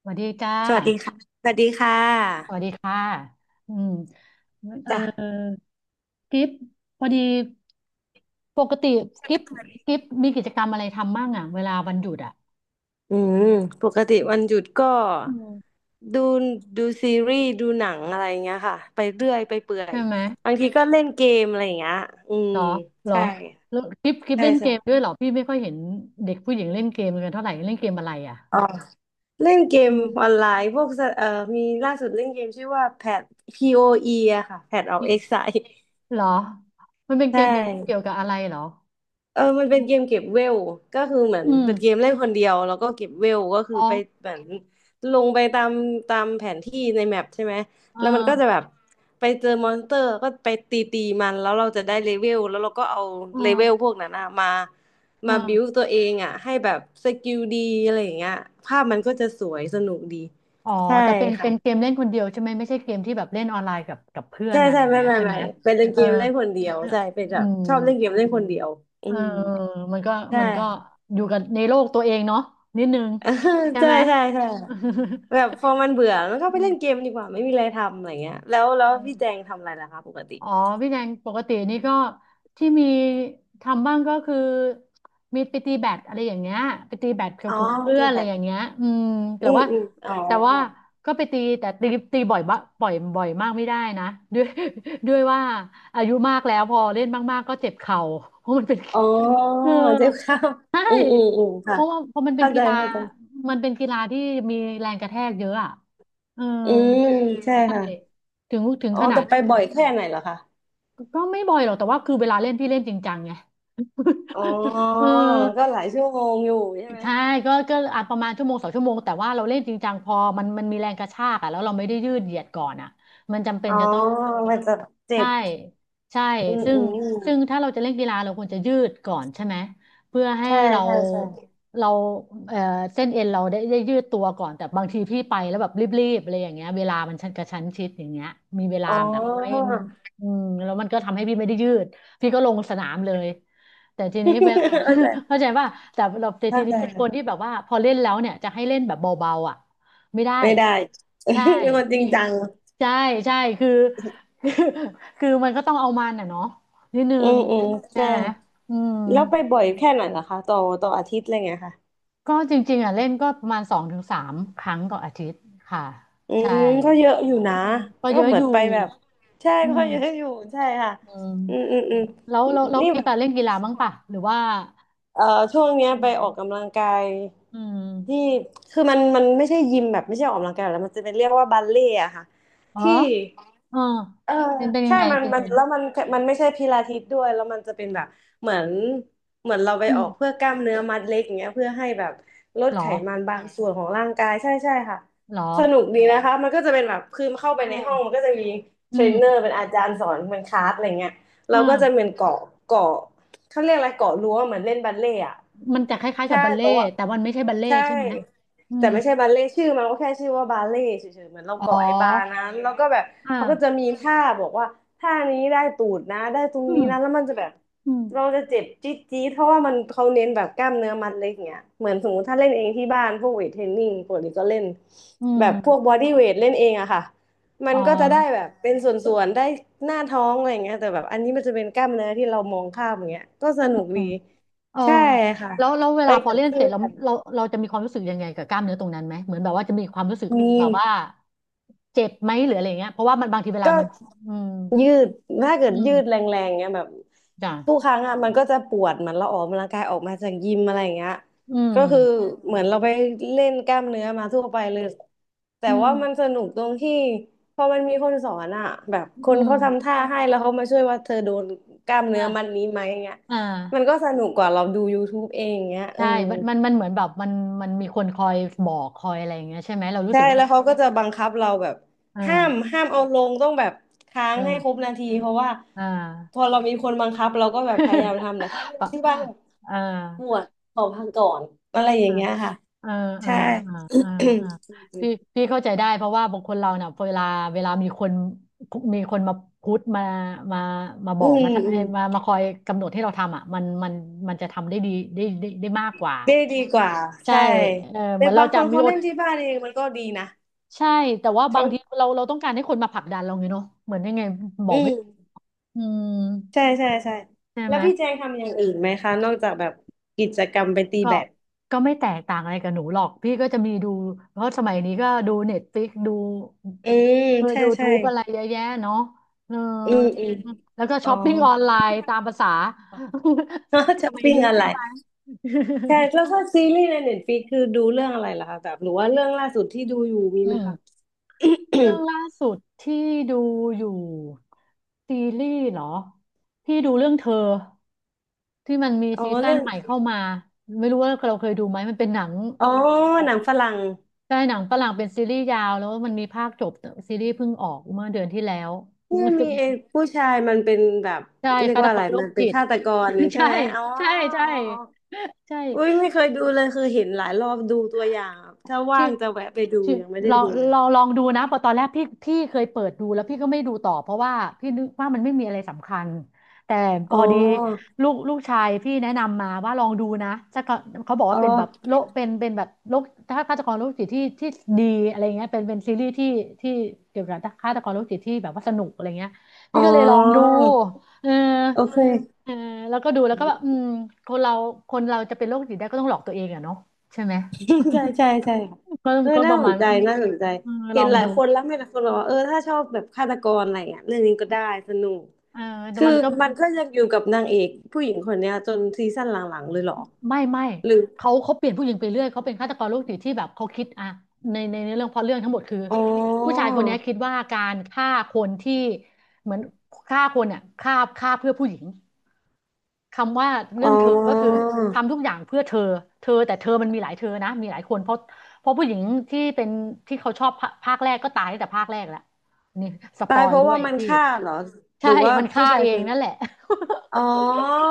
สวัสดีจ้าสวัสดีค่ะสวัสดีค่สะวัสดีค่ะอืมเออจ้ะกิฟพอดีปกติกิฟกิฟมีกิจกรรมอะไรทำบ้างอ่ะเวลาวันหยุดอ่ะอืมปกติวันหยุดก็อืมดูดูซีรีส์ดูหนังอะไรอย่างเงี้ยค่ะไปเรื่อยไปเปื่อยใช่ไหมบางทีก็เล่นเกมอะไรอย่างเงี้ยอืมเหรอเหรอใช่แล้วกิฟใช่เล่นเกใช่มด้วยเหรอพี่ไม่ค่อยเห็นเด็กผู้หญิงเล่นเกมกันเท่าไหร่เล่นเกมอะไรอ่ะอ๋อเล่นเกมอืออนมไลน์พวกสมีล่าสุดเล่นเกมชื่อว่าแพท POE ออีอะค่ะ Path of ี Exile เหรอมันเป็นเกใช่ มเกี่ยวกับอะไรเหรอเออมันเป็นเกมเก็บเวลก็คือเหมือนอืมเป็นเกมเล่นคนเดียวแล้วก็เก็บเวลก็คืออ๋อไปเหมือนลงไปตามแผนที่ในแมปใช่ไหมเอแล้วมันก็จะอแบบไปเจอมอนสเตอร์ก็ไปตีมันแล้วเราจะได้เลเวลแล้วเราก็เอาเอเลเวลอพวกนั้นอะมาเอมาบิวอ ตัวเองอะให้แบบสกิลดีอะไรอย่างเงี้ยภาพมันก็จะสวยสนุกดีอ๋อ ใช่แต่เป็นเป็ค่ะนเกมเล่นคนเดียวใช่ไหม ไม่ใช่เกมที่แบบเล่นออนไลน์กับเพื่อนใช่อะไรใช่อย่างไม่เงี้ยไม่ใช่ไหไม่ม เป็นเอเกอมเล่นคนเดียวเออใช่เป็นแบอืบมชอบเล่นเกมเล่นคนเดียวอืเออมมันก็ใช่ มันก็อยู่กับในโลกตัวเองเนาะนิดนึง เออใช่ใช่ไหม ใช่ใช่แบ บพอมันเบื่อมันก็ไปอืเล่นเกมมดีกว่าไม่มีอะไรทำอะไรเงี้ยแล้วพี่แจเออ งทำอะไรล่ะคะปกติอ๋อพี่แนงปกตินี่ก็ที่มีทำบ้างก็คือมีไปตีแบดอะไรอย่างเงี้ยไปตีแบดกับอ๋อกลุ่มเพื่อตีนอะแบไรดอย่างเงี้ยอืมแต่อืมว่าอืมอ๋อแต่ว่าก็ไปตีแต่ตีบ่อยบะบ่อยบ่อยมากไม่ได้นะด้วยด้วยว่าอายุมากแล้วพอเล่นมากๆก็เจ็บเข่าเพราะมันเป็น อ๋อ เออเจ็บข้าวใช่อืมอืมอืมเพค่ะราะว่าเพราะมันเป็นเข้าใจกีฬาเข้าใจมันเป็นกีฬาที่มีแรงกระแทกเยอะอ่ะเอออืมใช่ใช่ค่ะถึงอ๋อขนาแต่ด ไปบ่อยแค่ไหนเหรอคะก็ไม่บ่อยหรอกแต่ว่าคือเวลาเล่นพี่เล่นจริงจังไง อ๋อ เออก็หลายชั่วโมงอยู่ใช่ไหมใช่ก็อาจประมาณชั่วโมงสองชั่วโมงแต่ว่าเราเล่นจริงจังพอมันมีแรงกระชากอ่ะแล้วเราไม่ได้ยืดเหยียดก่อนอ่ะมันจำเป็นอ๋อจะต้อง มันจะเจ็ใช่บใช่อืมซึ่อืงซึ่งมถ้าเราจะเล่นกีฬาเราควรจะยืดก่อนใช่ไหมเพื่อให้ใช่เราใช่ใช่เราเอ่อเส้นเอ็นเราได้ยืดตัวก่อนแต่บางทีพี่ไปแล้วแบบรีบๆอะไรอย่างเงี้ยเวลามันชันกระชั้นชิดอย่างเงี้ยมีเวลาอ๋อ แบบไม่อืมแล้วมันก็ทำให้พี่ไม่ได้ยืดพี่ก็ลงสนามเลยแต่ทีนี้เวลา เข้าใจ เข้าใจว่าแต่เราแต่ทีเข้านี้ใจ เป็นคนที่แบบว่าพอเล่นแล้วเนี่ยจะให้เล่นแบบเบาๆอ่ะ ไม่ได้ไม่ได้ เใช่ป็นคนจริงพี่จังใช่ใช่คือ คือคือมันก็ต้องเอามันอ่ะเนาะนิดนึอืงมอืมใช่ใช่ไหมค่ะอืมแล้วไปบ่อยแค่ไหนล่ะคะต่ออาทิตย์อะไรเงี้ยค่ะก็จริงๆอ่ะเล่นก็ประมาณสองถึงสามครั้งต่ออาทิตย์ค่ะอืใช่มก็เยอะอยู่นะอืมก็ก็เยอะเหมืออนยู่ไปแบบใช่อืก็เยอะมอยู่ใช่ค่ะอืมอืมอืมอืมแล้วนี่กีแบบฬาเล่นกีฬาบ้างป่ะหรือว่าเอ่อช่วงเนี้ยอืไปมออกกำลังกายอืที่มคือมันไม่ใช่ยิมแบบไม่ใช่ออกกำลังกายแล้วมันจะเป็นเรียกว่าบัลเล่ต์อะค่ะอ๋อที่ เออเออเป็นยัใช่งไงมันเป็นยัมังนไงแล้วมันมันไม่ใช่พิลาทิสด้วยแล้วมันจะเป็นแบบเหมือนเหมือนเราไปอือมอก เพื่อกล้ามเนื้อมัดเล็กอย่างเงี้ยเพื่อให้แบบลดเหรไขอมันบางส่วนของร่างกายใช่ใช่ค่ะเหรอสนุกดีนะคะมันก็จะเป็นแบบคือเข้าไปเออในห้องมันก็จะมีเทอืรมนเนอร์เป็นอาจารย์สอนเป็นคลาสอะไรเงี้ยอเราก็จะเหมื่า อนเกาะ เขาเรียกอะไรเกาะรั้วเหมือนเล่นบัลเล่ต์อะมันจะคล้ายๆกัใช่บบัลเล่แต่ต์ว่าแต่มันไม่ใช่บัลเล่ต์ใช่ใช่ไหมอืแต่มไม่ใช่บัลเล่ต์ชื่อมันก็แค่ชื่อว่าบัลเล่ต์เฉยๆเหมือนเราอ๋อเกาะไอ้บาร์นั้นแล้วก็แบบอ่าเขาก็จะมีท่าบอกว่าท่านี้ได้ตูดนะได้ตรงอืนี้มนะแล้วมันจะแบบอืมเราจะเจ็บจี๊ดจี๊ดเพราะว่ามันเขาเน้นแบบกล้ามเนื้อมัดเล็กเงี้ยเหมือนสมมติถ้าเล่นเองที่บ้านพวกเวทเทรนนิ่งปกติก็เล่นอืแบบพวกบอมดี้เวทเล่นเองอะค่ะ มัอ๋นอก็จะได้แบบเป็นส่วนๆได้หน้าท้องอะไรอย่างเงี้ยแต่แบบอันนี้มันจะเป็นกล้ามเนื้อที่เรามองข้ามอย่างเงี้ยก็สอนุกืดีมเออใช่ค่ะแล้วแล้วเวไปลาพอกับเล่นเสเพื่ร็จอเรานเราจะมีความรู้สึกยังไงกับกล้ามเนื้อตรงนั้นไหมเหมือนแบบว่าจะมีความรู้สึกอืแบบว่ามเจ็บไหมหรืออะไรเงี้ยเพราะว่ามันบางทีเวลาก็ มันอืมยืด ถ้าเกิอืดยืดมแรงๆเงี้ยแบบจ้ะทุกครั้งอ่ะมันก็จะปวดเหมือนเราออกกำลังกายออกมาจากยิมอะไรอย่างเงี้ยอืก็คือมเหมือนเราไปเล่นกล้ามเนื้อมาทั่วไปเลยแต่อืว่ามันสมนุกตรงที่พอมันมีคนสอนอ่ะแบบอืคนมเขาทำท่าให้แล้วเขามาช่วยว่าเธอโดนกล้ามเนื้อมัดอ่านี้ไหมเงี้ยอ่ามันก็สนุกกว่าเราดู YouTube เองเงี้ยเออ ใช่มันเหมือนแบบมันมันมีคนคอยบอกคอยอะไรอย่างเงี้ยใช่ไหมเรารู้ใช่สึกว่าแล้วเขาก็จะบังคับเราแบบอ่าห้ามเอาลงต้องแบบค้างให้ครอ่า บนาทีเพราะว่าอ่า พอเรามีคนบังคับเราก็แบบพยายามทำแต่ถ้า ไม่ปะที่บ้านอ่าปวดขอพักก่อนอะไรอย่าอ่างเงี้ยค่ะอ่าอ่าใช่ อ่าอ่าอ่า พี่พี่เข้าใจได้เพราะว่าบางคนเราเนี่ยเวลาเวลามีคนมาพุทธมามามาบอือกมมาอืเอ้มยมามาคอยกำหนดให้เราทำอ่ะมันจะทำได้ดีได้มากกว่าได้ดีกว่าใช่ใช่เออเหแต่มือนเราบางคจะนมีเขาอเล่ดนที่บ้านเองมันก็ดีนะใช่แต่ว่าบาเขางทีเราเราต้องการให้คนมาผลักดันเราไงเนาะเหมือนยังไงบออืกไม่มถูกอืมใช่ใช่ใช่ใช่แล้ไหม วพี่แจงทำอย่างอื่นไหมคะนอกจากแบบกิจกรรมไปตีก็แบดก็ไม่แตกต่างอะไรกับหนูหรอกพี่ก็จะมีดูเพราะสมัยนี้ก็ดูเน็ตฟ i ิกดูอืมเออใช่ยูทูใช่บอะไรเยอะแยะเนาะเอออืมอืมแล้วก็อ๋ช้อ อปปิ้งออนไลน์ตามภาษา สช้อปมัยปิ้งนี้อะไรใช่ไหม ใช่แล้วก็ซีรีส์ในเน็ตฟ i ิกคือดูเรื่องอะไรล่ะคะแบบหรือว่าเรื่องล่าสุดที่ดูอยู่มีอืไหมมคะ เรื่องล่าสุดที่ดูอยู่ซีรีส์เหรอพี่ดูเรื่องเธอที่มันมี อ๋อซีซั่นเรื่องใหม่เข้ามาไม่รู้ว่าเราเคยดูไหมมันเป็นหนัง อ๋อหนังฝรั่งใช่หนังฝรั่งเป็นซีรีส์ยาวแล้วมันมีภาคจบซีรีส์เพิ่งออกเมื่อเดือนที่แล้ว เนี่ยมี ไอ้ผู้ชายมันเป็นแบบใช่เรียกฆาตว่ากอะไรรโรมัคนเป็นจิต ฆาตกร ใช่ใช่ไหมอ๋อใช่ใช่อ๋ออ๋ออุ้ยใช่ ไม่เคยดูเลยคือเห็นหลายรอบดูตัวอย่างอะถ้าว่าที่งจะแวะไปดูที่ยังไม่ได้ลองดูเลยลองดูนะเพอตอนแรกพี่เคยเปิดดูแล้วพี่ก็ไม่ดูต่อเพราะว่าพี่นึกว่ามันไม่มีอะไรสำคัญแต่พอ๋ออดีลูกชายพี่แนะนำมาว่าลองดูนะจะก็เขาบอกอ๋ว่าอเป็นแบบโลกเป็นแบบโลกถ้าฆาตกรโรคจิตที่ดีอะไรเงี้ยเป็นซีรีส์ที่ที่เกี่ยวกับฆาตกรโรคจิตที่แบบว่าสนุกอะไรเงี้ยอ๋พี่อก็เลยลองดูเออโอเค เออแล้วก็ดูแล้วก็แบบอืมคนเราคนเราจะเป็นโรคจิตได้ก็ต้องหลอกตัวเองอะเนาะใช่ไหม ใช่ใช่ใช่ค่ะก็เออก็ปน่าระสมานณ ใจน่าสนใจเออลเห็อนงหลายดูคนแล้วไม่หลายคนบอกว่าเออถ้าชอบแบบฆาตกรอะไรอ่ะเรื่องนี้ก็ได้สนุกเออแต่คือมันก็ มันก็ยังอยู่กับนางเอกผู้หญิงคนเนี้ยจนซีซั่นหลังๆเลยเหรอไม่หรือเขาเปลี่ยนผู้หญิงไปเรื่อยเขาเป็นฆาตกรโรคจิตที่แบบเขาคิดอะในเรื่องเพร็ะเรื่องทั้งหมดคืออ๋อผู้ชายคนนี้คิดว่าการฆ่าคนที่เหมือนฆ่าคนเนี่ยฆ่าเพื่อผู้หญิงคำว่าเรื่อ๋องเธอก็คืออทำทุกอย่างเพื่อเธอแต่เธอมันมีหลายเธอนะมีหลายคนเพราะผู้หญิงที่เป็นที่เขาชอบภาคแรกก็ตายตั้งแต่ภาคแรกแล้วนี่สปตาอยยเพราะด้วว่ายมันพี่ฆ่าเหรอหใช่รือว่ามันผู้ฆ่าชายเอคงนนั่นแหละ อ๋อ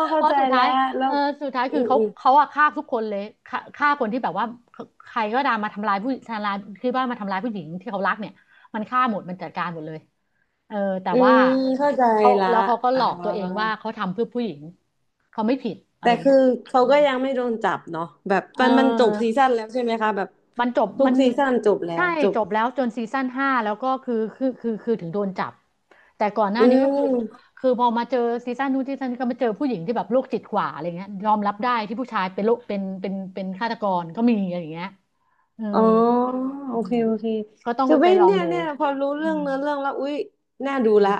เพเข้าราะใจสุดท้าแล้ย วแล้เอวอสุดท้ายอืคือมเขาอืมเขาอะฆ่าทุกคนเลยฆ่าคนที่แบบว่าใครก็ตามมาทำร้ายผู้ทำร้ายคือว่ามาทำร้ายผู้หญิงที่เขารักเนี่ยมันฆ่าหมดมันจัดการหมดเลยเออแต่อืว่ามเข้าใจเขาละแล้วเขาก็หอ๋ลอกตัวเองว่าอ เขาทำเพื่อผู้หญิงเขาไม่ผิดอะไรแต่คืเงี้อยเขาก็ยังไม่โดนจับเนาะแบบเมันจบออ ซีซั่นแล้วใช่ไหมคะแบบมันจบทุกมันซีซั่นจบแล้ใช่วจบจบแล้วจนซีซั่น 5แล้วก็คือถึงโดนจับแต่ก่อนหน้าอืนี้ก็คือมคือพอมาเจอซีซั่นนู้นซีซั่นนี้ก็มาเจอผู้หญิงที่แบบโรคจิตกว่าอะไรเงี้ยยอมรับได้ที่ผู้ชายเป็นโรคเป็นฆาตกรก็มีอะไรอย่างเงี้ยเอออ๋อโอหเคนูโอเคก็ต้องคือไปไม่ลองเนี่ยดูเนี่ยพอรู้อืเรื่องมเนื้อเรื่องแล้วอุ๊ยน่าเอดูอละ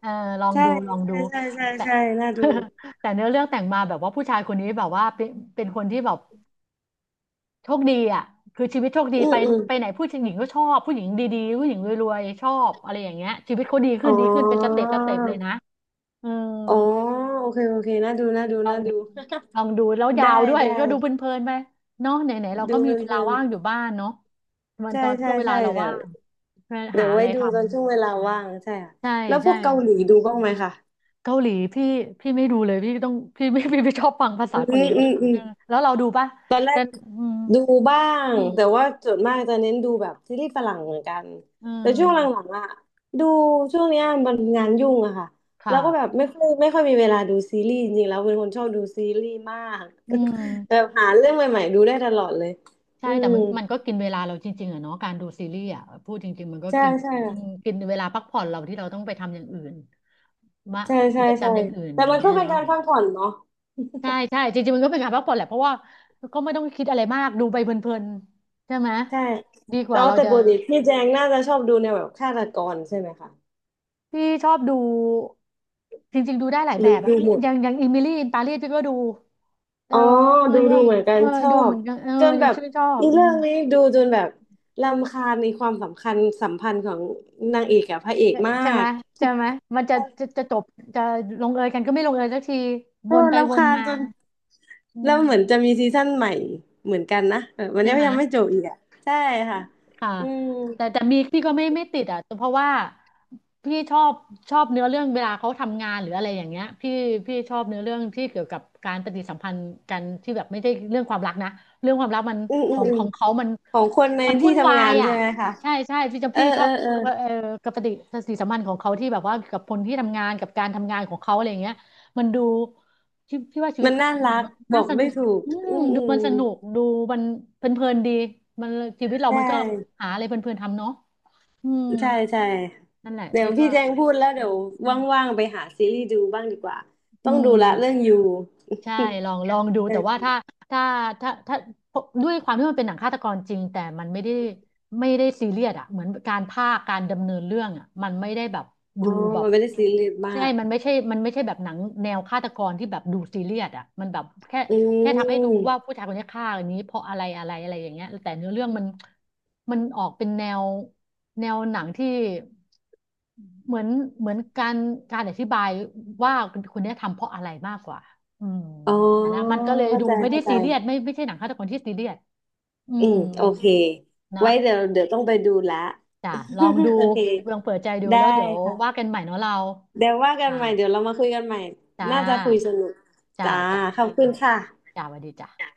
เออลองใช่ดูลองใช่ดูใช่ใช่แต่ ใช่น่าดู แต่เนื้อเรื่องแต่งมาแบบว่าผู้ชายคนนี้แบบว่าเป็นคนที่แบบ โชคดีอ่ะคือชีวิตโชคดีอืไปมอืมไปไหนผู้หญิงก็ชอบผู้หญิงดีๆผู้หญิงรวยๆชอบอะไรอย่างเงี้ยชีวิตเขาดีอ๋ขึ้อนดีขึ้นเป็นสเต็ปสเต็ปเลยนะเอออ๋อโอเคโอเคน่าดูน่าดูลอน่างดู ดูลองดูแล้ว ยาได้วด้วยได้ก็ดูเพลินๆไปเนาะไหนๆเราก็ดูมีเวเพลาลินว่างอยู่บ้านเนาะมัๆนตใช่อนช่ใช่วงเวลาใช่เราเดี๋ยว่าวงเพื่อเดี๋หายวอะไว้ไรดูทำตอนช่วงเวลาว่างใช่ค่ะใช่แล้วพใช่วกเกาหลีดูบ้างไหมคะ เกาหลีพี่ไม่ดูเลยพี่ต้องพี่ไม่ พี่ไม่ชอบฟังภาษาอืเกาหลีมอืมอืมอืมแล้วเราดูปะตอนแรแต่กอืมดูบ้างอืแต่ว่ามส่วนมากจะเน้นดูแบบซีรีส์ฝรั่งเหมือนกันอืแต่ช่วงหมลังๆอ่ะดูช่วงเนี้ยมันงานยุ่งอะค่ะแล้วค่ะก็แบบไม่ค่อยมีเวลาดูซีรีส์จริงๆแล้วเป็นคนชอบดูซีรีส์มากอืแบม บหาเรื่องใหม่ๆดูได้ตลอดเลยใช่อืแต่มมันก็กินเวลาเราจริงๆอะเนาะการดูซีรีส์อะพูดจริงๆมันก็ใช่กินใช่อืมกินเวลาพักผ่อนเราที่เราต้องไปทำอย่างอื่นมาใช่กิใช่จกรรใช่มอย่างอื่นแต่อย่ามังนก็เงี้ยเป็นเนาะการพักผ่อนเนาะใช่ใช่จริงๆมันก็เป็นการพักผ่อนแหละเพราะว่าก็ไม่ต้องคิดอะไรมากดูไปเพลินๆใช่ไหมใช่ดีกแล้ว่าวเราแต่จะปกติพี่แจงน่าจะชอบดูแนวแบบฆาตกรใช่ไหมคะพี่ชอบดูจริงๆดูได้หลายหแบรือบอะดูหมด อย่างอย่างอิมิลี่อินปารีสพี่ก็ดูเอออ๋อมัดูนดูว่าเหมือนกัเอนอชอดูเหบมือนกันเออจนแบบชื่นชอบอีอืเรื่ม องนี้ดูจนแบบรำคาญในความสำคัญสัมพันธ์ของนางเอกกับพระเอกเอ่อมาใช่ไหมกใช่ไหมมันจะจบจะลงเอยกันก็ไม่ลงเอยสักทีวโอ้นไปวรำนคาญมาจนอืแล้วมเหมือนจะมีซีซั่นใหม่เหมือนกันนะเออมันใช่ไหม ยังไม่จบอีกอ่ะใช่ค่ะค่ะอืมแต่แต่มีพี่ก็ไม่ไม่ติดอ่ะเพราะว่าพี่ชอบชอบเนื้อเรื่องเวลาเขาทำงานหรืออะไรอย่างเงี้ยพี่ชอบเนื้อเรื่องที่เกี่ยวกับการปฏิสัมพันธ์กันที่แบบไม่ใช่เรื่องความรักนะเรื่องความรักมันอืมขอือมงอืขมองเขามันของคนในมันที่วุ่นวาทำงายนอ่ะใช่ไหมคะใช่ใช่พี่จะเออพี่ชเอออบเออเอ่อกับปฏิสัมพันธ์ของเขาที่แบบว่ากับคนที่ทำงานกับการทำงานของเขาอะไรอย่างเงี้ยมันดูพี่ว่าชีวิมัตนเขาน่าทำงานรักมันบน่าอกสนุไม่ก ถูกอืมอืมอืดูมัมนสนุก ดูมันเพลินๆดีมันชีวิตเราใช่มันก็หาอะไรเพลินๆทำเนาะอืมใช่ใช่ นั่นแหละเดี๋ยพี่วก็พี่แจงพูดแล้วเดี๋ยวอืมว่างๆไปหาซีรีส์ดูบ้างดีกว่าอืต้องดูม ละเรื่องยู ใช่ลองดูแต่ว่าถ้า ถ้าถ้าด้วยความที่มันเป็นหนังฆาตกรจริงแต่มันไม่ได้ไม่ได้ซีเรียสอ่ะเหมือนการภากการดำเนินเรื่องอ่ะมันไม่ได้แบบอ๋ดูอแบบมันไม่ได้ซีรียสมาใช่กมันไม่ใช่มันไม่ใช่แบบหนังแนวฆาตกรที่แบบดูซีเรียสอ่ะมันแบบแค่อืแค่ทำให้ดูว่ามผู้ชายคนนี้ฆ่าอันนี้เพราะอะไรอะไรอะไรอย่างเงี้ยแต่เนื้อเรื่องมันมันออกเป็นแนวหนังที่เหมือนการอธิบายว่าคนเนี้ยทำเพราะอะไรมากกว่า อืมอ๋ออันนะมันก็เลยเข้าดูใจไม่ได้เข้าใจซีเรียสไม่ใช่หนังฆาตกรที่ซีเรียสอือืมมโอเคนะไว้เดี๋ยวเดี๋ยวต้องไปดูละ จ้ะลองดู โอเคลองเปิดใจดูได้แล้วเดี๋ยวว่าค่ะกันใหม่เนาะเราเดี๋ยวว่ากันจ้ะใหม่เดี๋ยวเรามาคุยกันใหม่จ้าน่าจะคุยสนุกจ้าจ้าจ้าขอบสคุวัสณดีค่ะจ้าสวัสดีจ้า